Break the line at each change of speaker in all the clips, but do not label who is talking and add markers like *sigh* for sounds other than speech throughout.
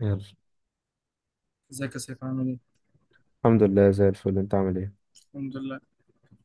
يلا.
ازيك يا سيف، عامل ايه؟
الحمد لله زي الفل، انت عامل ايه؟
الحمد لله.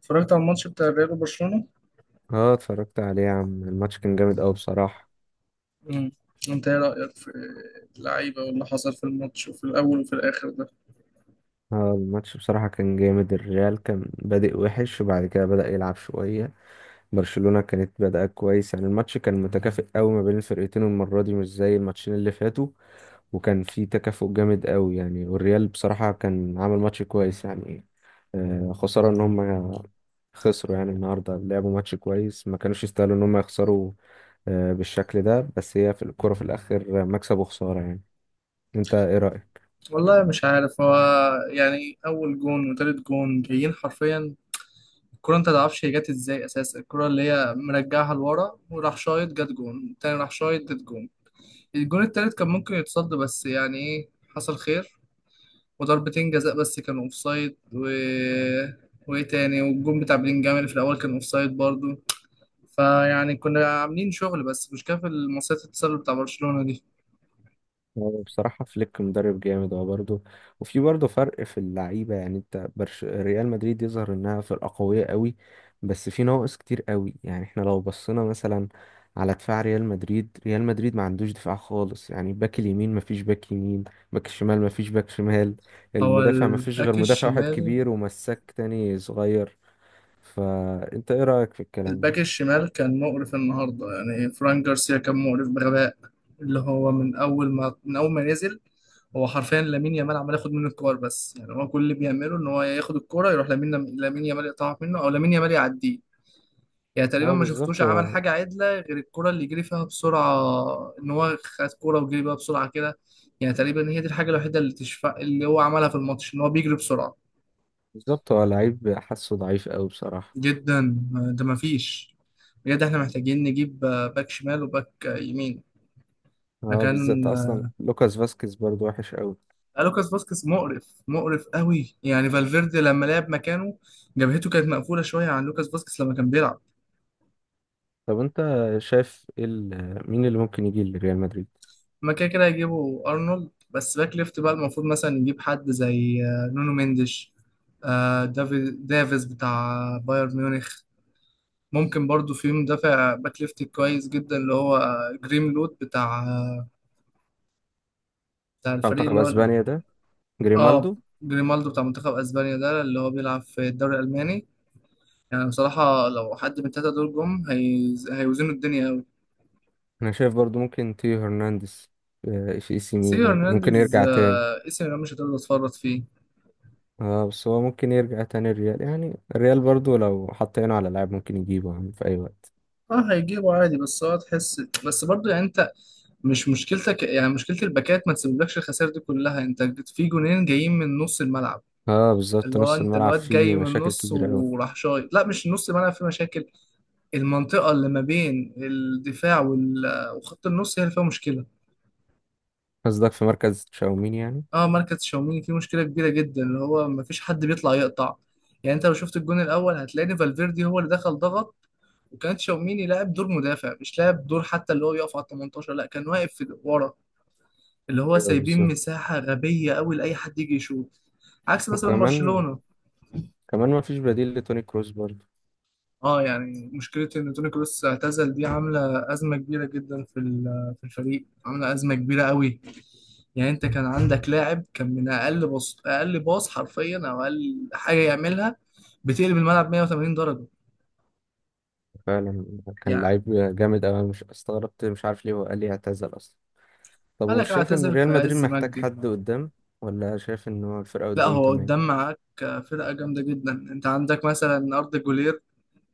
اتفرجت على الماتش بتاع الريال وبرشلونة؟
اه، اتفرجت عليه يا عم. الماتش كان جامد قوي بصراحة.
امم انت ايه رأيك في اللعيبة واللي حصل في الماتش وفي الأول وفي الآخر ده؟
اه، الماتش بصراحة كان جامد. الريال كان بادئ وحش وبعد كده بدأ يلعب شوية. برشلونة كانت بادئة كويس، يعني الماتش كان متكافئ قوي ما بين الفرقتين، والمرة دي مش زي الماتشين اللي فاتوا. وكان في تكافؤ جامد قوي يعني، والريال بصراحة كان عامل ماتش كويس يعني. آه، خسارة ان هم خسروا يعني. النهاردة لعبوا ماتش كويس، ما كانوش يستاهلوا ان هم يخسروا بالشكل ده. بس هي في الكرة في الآخر مكسب وخسارة يعني. أنت إيه رأيك؟
والله مش عارف. هو يعني اول جون وتالت جون جايين حرفيا. الكرة انت متعرفش هي جت ازاي اساسا. الكرة اللي هي مرجعها لورا وراح شايط جت جون، التاني راح شايط جت جون. الجون التالت كان ممكن يتصد، بس يعني ايه، حصل خير. وضربتين جزاء بس كانوا اوفسايد، و وايه تاني، والجون بتاع بلينجهام اللي في الاول كان اوفسايد برضو. فيعني كنا عاملين شغل بس مش كافي المصيدة التسلل بتاع برشلونة دي.
هو بصراحة فليك مدرب جامد هو برضه، وفي برضه فرق في اللعيبة. يعني أنت ريال مدريد يظهر إنها فرقة قوية قوي، بس في نواقص كتير قوي. يعني إحنا لو بصينا مثلا على دفاع ريال مدريد، ريال مدريد ما عندوش دفاع خالص يعني. باك اليمين ما فيش باك يمين، باك الشمال ما فيش باك شمال،
هو
المدافع ما فيش غير
الباك
مدافع واحد
الشمال،
كبير ومساك تاني صغير. فأنت إيه رأيك في الكلام ده؟
الباك الشمال كان مقرف النهاردة. يعني فران جارسيا كان مقرف بغباء، اللي هو من أول ما نزل هو حرفيا، لامين يامال عمال ياخد منه الكور. بس يعني هو كل اللي بيعمله إن هو ياخد الكورة يروح لامين، لامين يامال يقطعها منه أو لامين يامال يعديه. يعني تقريبا
اه
ما شفتوش
بالظبط.
عمل
هو
حاجة عدلة غير الكرة اللي جري فيها بسرعة، إن هو خد كرة وجري بيها بسرعة كده. يعني تقريبا هي دي الحاجة الوحيدة اللي تشفى اللي هو عملها في الماتش، إن هو بيجري بسرعة.
بالظبط، هو لعيب حاسه ضعيف قوي بصراحة.
جدا، ده ما فيش. بجد إحنا محتاجين نجيب باك شمال وباك يمين.
اه،
مكان
بالذات اصلا لوكاس فاسكيز برضو وحش قوي.
لوكاس فاسكيز، مقرف مقرف قوي. يعني فالفيردي لما لعب مكانه جبهته كانت مقفولة شوية عن لوكاس فاسكيز لما كان بيلعب.
طب انت شايف ايه مين اللي ممكن يجي لريال مدريد
ما كده كده هيجيبوا ارنولد. بس باك ليفت بقى المفروض مثلا يجيب حد زي نونو مينديش، دافيز بتاع بايرن ميونخ. ممكن برضو في مدافع باك ليفت كويس جدا، اللي هو جريملود بتاع بتاع
بتاع
الفريق
منتخب
اللي هو.
اسبانيا ده؟
اه،
جريمالدو.
جريمالدو بتاع منتخب اسبانيا ده اللي هو بيلعب في الدوري الالماني. يعني بصراحة لو حد من التلاتة دول جم، هي... هيوزنوا الدنيا قوي.
انا شايف برضو ممكن تيو هرنانديز في اي سي
سيو
ميلان ممكن
هرنانديز
يرجع تاني.
اسم أنا مش هتقدر تتفرط فيه.
اه بس هو ممكن يرجع تاني الريال، يعني الريال برضو لو حط عينه على لاعب ممكن يجيبه يعني في اي وقت.
اه هيجيبه عادي. بس هو تحس بس برضو، يعني انت مش مشكلتك، يعني مشكلة الباكات ما تسببلكش الخسائر دي كلها. انت في جونين جايين من نص الملعب،
اه بالظبط،
اللي هو
نص
انت
الملعب
الواد
فيه
جاي من
مشاكل
النص
كبيرة قوي.
وراح شايط. لا، مش نص الملعب في مشاكل، المنطقة اللي ما بين الدفاع وخط النص هي اللي فيها مشكلة.
قصدك في مركز تشاوميني يعني؟
اه، مركز تشاوميني فيه مشكلة كبيرة جدا، اللي هو ما فيش حد بيطلع يقطع. يعني انت لو شفت الجون الاول هتلاقي فالفيردي هو اللي دخل ضغط، وكان تشاوميني لاعب دور مدافع مش لاعب دور، حتى اللي هو يقف على ال 18، لا كان واقف ورا، اللي هو
ايوه
سايبين
بالظبط.
مساحة غبية قوي لأي حد يجي يشوط. عكس مثلا
وكمان
برشلونة.
كمان ما فيش بديل لتوني كروس برضه.
اه يعني مشكلة ان توني كروس اعتزل دي عاملة أزمة كبيرة جدا في في الفريق، عاملة أزمة كبيرة قوي. يعني انت كان عندك لاعب كان من أقل باص، أقل باص حرفيا أو أقل حاجة يعملها بتقلب الملعب 180 درجة.
فعلا، كان
يعني
لعيب جامد أوي. أنا مش استغربت، مش عارف ليه هو قال لي اعتزل أصلا. طب ومش
قالك
شايف إن
اعتزل
ريال
في
مدريد
عز
محتاج
مجدي.
حد قدام، ولا شايف إن هو الفرقة
لا،
قدام
هو
تمام؟
قدام معاك فرقة جامدة جدا. انت عندك مثلا أرض جولير،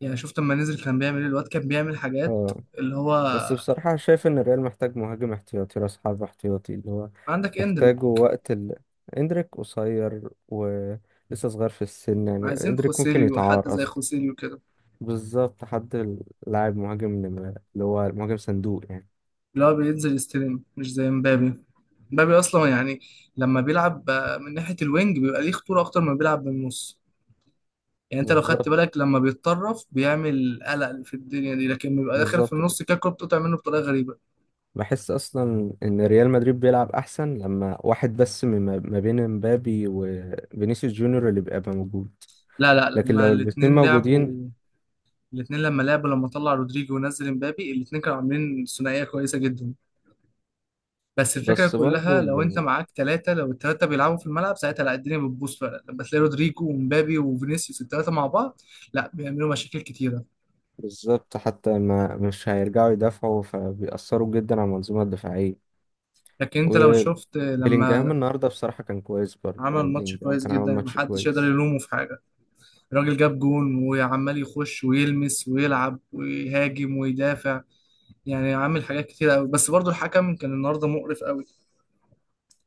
يعني شفت لما نزل كان بيعمل ايه، الواد كان بيعمل حاجات
اه
اللي هو.
بس بصراحة شايف إن الريال محتاج مهاجم احتياطي، راس حربة احتياطي اللي هو
عندك اندريك.
تحتاجه وقت إندريك قصير ولسه صغير في السن، يعني
عايزين
إندريك ممكن
خوسيليو، حد
يتعار
زي
أصلا.
خوسيليو كده،
بالظبط، حد، لاعب مهاجم اللي هو مهاجم صندوق يعني.
اللي هو بينزل يستلم مش زي مبابي. مبابي اصلا يعني لما بيلعب من ناحيه الوينج بيبقى ليه خطوره اكتر ما بيلعب من النص. يعني انت لو خدت
بالظبط
بالك لما بيتطرف بيعمل قلق في الدنيا دي، لكن بيبقى داخل في
بالظبط.
النص كده الكوره بتقطع منه بطريقه غريبه.
بحس اصلا ان ريال مدريد بيلعب احسن لما واحد بس من ما بين امبابي وفينيسيوس جونيور اللي بيبقى موجود.
لا
لكن
لما
لو الاتنين
الاثنين
موجودين،
لعبوا، الاثنين لما لعبوا لما طلع رودريجو ونزل مبابي الاثنين كانوا عاملين ثنائيه كويسه جدا. بس الفكرة
بس برضو
كلها لو انت معاك ثلاثة، لو الثلاثة بيلعبوا في الملعب ساعتها لا، الدنيا بتبوظ فعلا لما تلاقي رودريجو ومبابي وفينيسيوس الثلاثة مع بعض. لا، بيعملوا مشاكل كتيرة.
بالظبط. حتى ما مش هيرجعوا يدافعوا، فبيأثروا جدا على المنظومة الدفاعية.
لكن انت لو شفت
وبيلينجهام
لما
النهارده بصراحة كان كويس برضو،
عمل
يعني
ماتش
بيلينجهام
كويس
كان عامل
جدا
ماتش
محدش يقدر
كويس.
يلومه في حاجة. الراجل جاب جون وعمال يخش ويلمس ويلعب ويهاجم ويدافع. يعني عامل حاجات كتيرة قوي. بس برضو الحكم كان النهاردة مقرف قوي.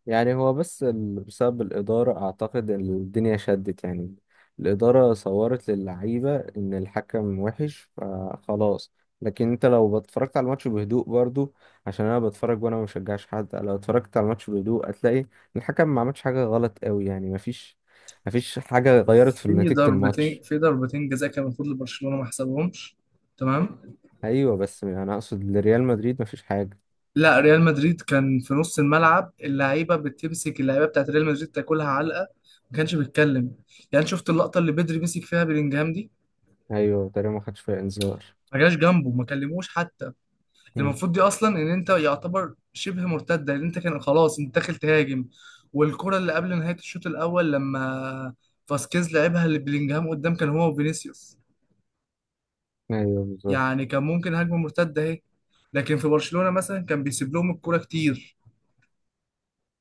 يعني هو بس بسبب الإدارة أعتقد الدنيا شدت يعني. الإدارة صورت للعيبة إن الحكم وحش فخلاص. لكن أنت لو اتفرجت على الماتش بهدوء برضو، عشان أنا بتفرج وأنا مشجعش حد، لو اتفرجت على الماتش بهدوء هتلاقي الحكم ما عملش حاجة غلط قوي يعني. مفيش حاجة غيرت في
في
نتيجة
ضربتين
الماتش.
في ضربتين جزاء كان المفروض لبرشلونة ما حسبهمش. تمام.
أيوة بس أنا أقصد لريال مدريد مفيش حاجة.
لا، ريال مدريد كان في نص الملعب اللعيبه بتمسك، اللعيبه بتاعت ريال مدريد تاكلها علقه ما كانش بيتكلم. يعني شفت اللقطه اللي بدري مسك فيها بلينجهام دي،
أيوة تقريبا ما خدش فيها إنذار.
ما جاش جنبه، ما كلموش حتى.
مم.
المفروض دي اصلا ان انت يعتبر شبه مرتده، لان انت كان خلاص انت داخل تهاجم. والكره اللي قبل نهايه الشوط الاول لما فاسكيز لعبها لبلينجهام قدام كان هو وفينيسيوس،
أيوة بالظبط.
يعني كان ممكن هجمه مرتده اهي. لكن في برشلونه مثلا كان بيسيب لهم الكره كتير،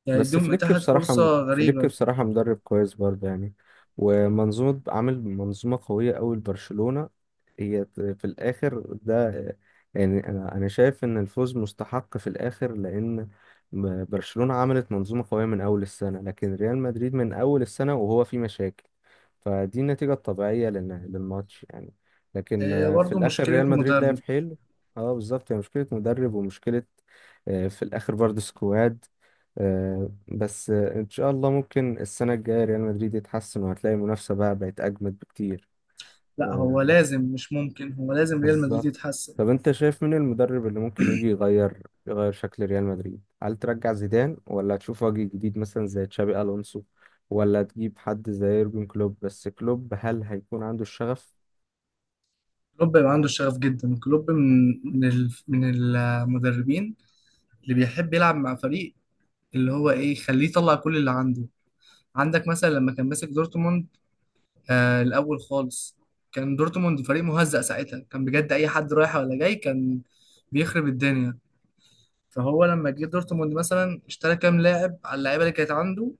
يعني
بس
يديهم
فليك
اتاحت فرصه
بصراحة فليك
غريبه.
بصراحة مدرب كويس برضه يعني، ومنظومة، عامل منظومة قوية أوي لبرشلونة. هي في الآخر ده، يعني أنا شايف إن الفوز مستحق في الآخر، لأن برشلونة عملت منظومة قوية من أول السنة، لكن ريال مدريد من أول السنة وهو في مشاكل. فدي النتيجة الطبيعية للماتش يعني. لكن
هي
في
برضه
الآخر
مشكلة
ريال مدريد لعب
مدرب.
حلو. اه بالظبط، هي مشكلة مدرب، ومشكلة في الآخر برضه سكواد. آه، بس ان شاء الله ممكن السنه الجايه ريال مدريد يتحسن، وهتلاقي المنافسه بقى بقت اجمد بكتير.
لا، هو
آه،
لازم، مش ممكن، هو لازم ريال مدريد
بالظبط.
يتحسن.
طب انت شايف مين المدرب اللي ممكن يجي يغير شكل ريال مدريد؟ هل ترجع زيدان، ولا تشوف وجه جديد مثلا زي تشابي الونسو، ولا تجيب حد زي يورجن كلوب؟ بس كلوب هل هيكون عنده الشغف؟
كلوب يبقى عنده الشغف جدا. كلوب من المدربين اللي بيحب يلعب مع فريق، اللي هو ايه، يخليه يطلع كل اللي عنده. عندك مثلا لما كان ماسك دورتموند آه الأول خالص، كان دورتموند فريق مهزأ ساعتها، كان بجد أي حد رايح ولا جاي كان بيخرب الدنيا. فهو لما جه دورتموند مثلا اشترى كام لاعب على اللعيبة اللي كانت عنده،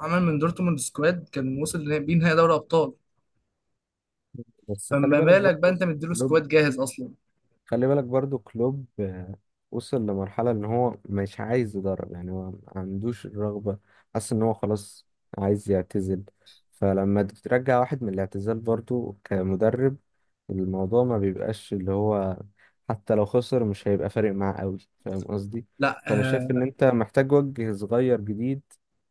عمل من دورتموند سكواد كان وصل بيه نهائي دوري أبطال.
بس خلي
فما
بالك
بالك بقى
برضه،
انت مديله
كلوب
سكواد جاهز اصلا.
خلي بالك برضو كلوب وصل لمرحلة ان هو مش عايز يدرب يعني. هو ما عندوش الرغبة، حاسس ان هو خلاص عايز يعتزل. فلما ترجع واحد من الاعتزال برضو كمدرب، الموضوع ما بيبقاش اللي هو، حتى لو خسر مش هيبقى فارق معاه قوي. فاهم قصدي؟
لا
فانا شايف
آه.
ان انت محتاج وجه صغير جديد،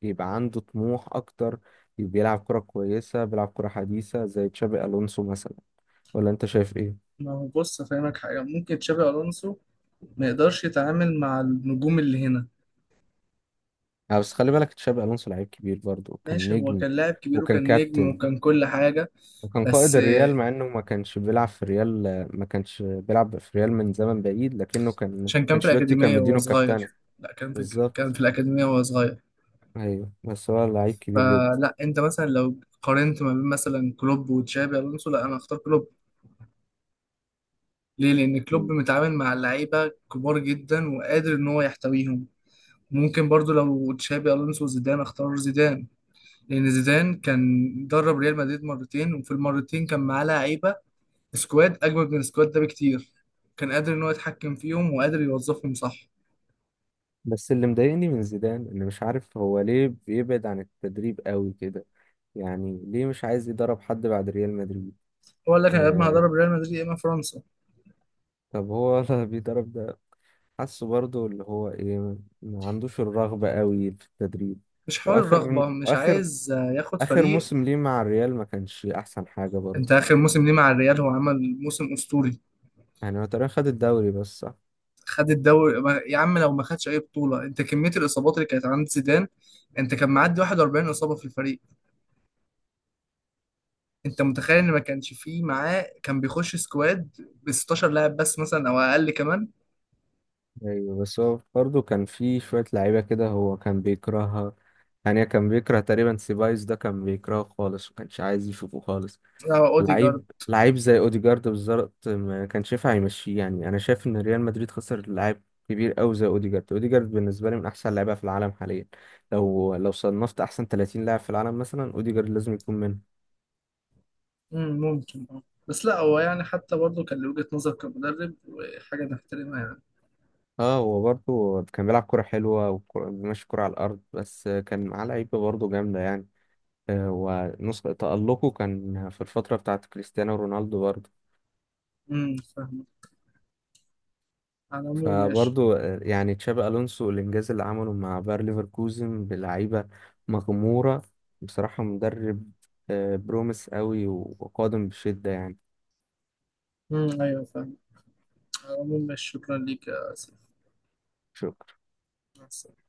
يبقى عنده طموح اكتر، بيلعب كرة كويسة، بيلعب كرة حديثة زي تشابي الونسو مثلا. ولا انت شايف ايه؟
ما هو بص افهمك حاجه، ممكن تشابي الونسو ما يقدرش يتعامل مع النجوم اللي هنا.
بس خلي بالك تشابي الونسو لعيب كبير برضه، وكان
ماشي، هو
نجم،
كان لاعب كبير
وكان
وكان نجم
كابتن،
وكان كل حاجه.
وكان قائد
بس
الريال
آه،
مع انه ما كانش بيلعب في الريال. ما كانش بيلعب في الريال من زمن بعيد، لكنه كان
عشان كان في
انشيلوتي كان
الاكاديميه وهو
مدينه الكابتنة.
صغير. لا كان في، كان
بالظبط.
في الاكاديميه وهو صغير.
ايوه بس هو لعيب كبير جدا.
فلا انت مثلا لو قارنت ما بين مثلا كلوب وتشابي الونسو، لا انا اختار كلوب. ليه؟ لان
م.
كلوب متعامل مع اللعيبه كبار جدا وقادر ان هو يحتويهم. ممكن برضو لو تشابي الونسو زيدان، اختار زيدان. لأن زيدان كان درب ريال مدريد مرتين وفي المرتين كان معاه لعيبة، سكواد أجمد من السكواد ده بكتير، كان قادر إن هو يتحكم فيهم وقادر يوظفهم صح.
بس اللي مضايقني من زيدان ان مش عارف هو ليه بيبعد عن التدريب قوي كده. يعني ليه مش عايز يدرب حد بعد ريال مدريد؟
هو قال لك أنا يا إما
آه.
هدرب ريال مدريد يا إما فرنسا.
طب هو *laughs* ولا بيدرب؟ حاسه برضو اللي هو ايه، ما عندوش الرغبة قوي في التدريب.
مش حول
واخر
الرغبة، مش
واخر
عايز ياخد
اخر
فريق.
موسم ليه مع الريال ما كانش احسن حاجة برضو.
أنت آخر موسم ليه مع الريال هو عمل موسم أسطوري.
يعني هو تقريبا خد الدوري بس، صح؟
خد الدوري. يا عم لو ما خدش أي بطولة، أنت كمية الإصابات اللي كانت عند زيدان، أنت كان معدي 41 إصابة في الفريق. أنت متخيل إن ما كانش فيه معاه، كان بيخش سكواد ب 16 لاعب بس مثلا أو أقل كمان.
ايوه بس هو برضو كان في شوية لعيبة كده هو كان بيكرهها. يعني كان بيكره تقريبا سيبايوس، ده كان بيكرهه خالص وكانش عايز يشوفه خالص.
اه اوديجارد.
لعيب لعيب زي اوديجارد بالظبط ما كانش ينفع يمشيه. يعني انا شايف ان ريال مدريد خسر لاعب كبير قوي زي اوديجارد. اوديجارد بالنسبه لي من احسن اللعيبه في العالم حاليا. لو صنفت احسن 30 لاعب في العالم مثلا، اوديجارد لازم يكون منهم.
مم، ممكن اه. بس لا، هو يعني حتى برضه كان له وجهة نظر كمدرب وحاجة نحترمها يعني.
اه هو برضه كان بيلعب كرة حلوة، وماشي كرة على الأرض، بس كان معاه لعيبة برضه جامدة يعني. ونسخة تألقه كان في الفترة بتاعت كريستيانو رونالدو برضه.
فاهم. على العموم ماشي.
فبرضه يعني تشابي الونسو، الانجاز اللي عمله مع باير ليفركوزن بلعيبه مغموره بصراحه، مدرب بروميس قوي وقادم بشده يعني.
ايوه فاهم. على العموم ماشي. شكرا ليك يا سيف. مع السلامة.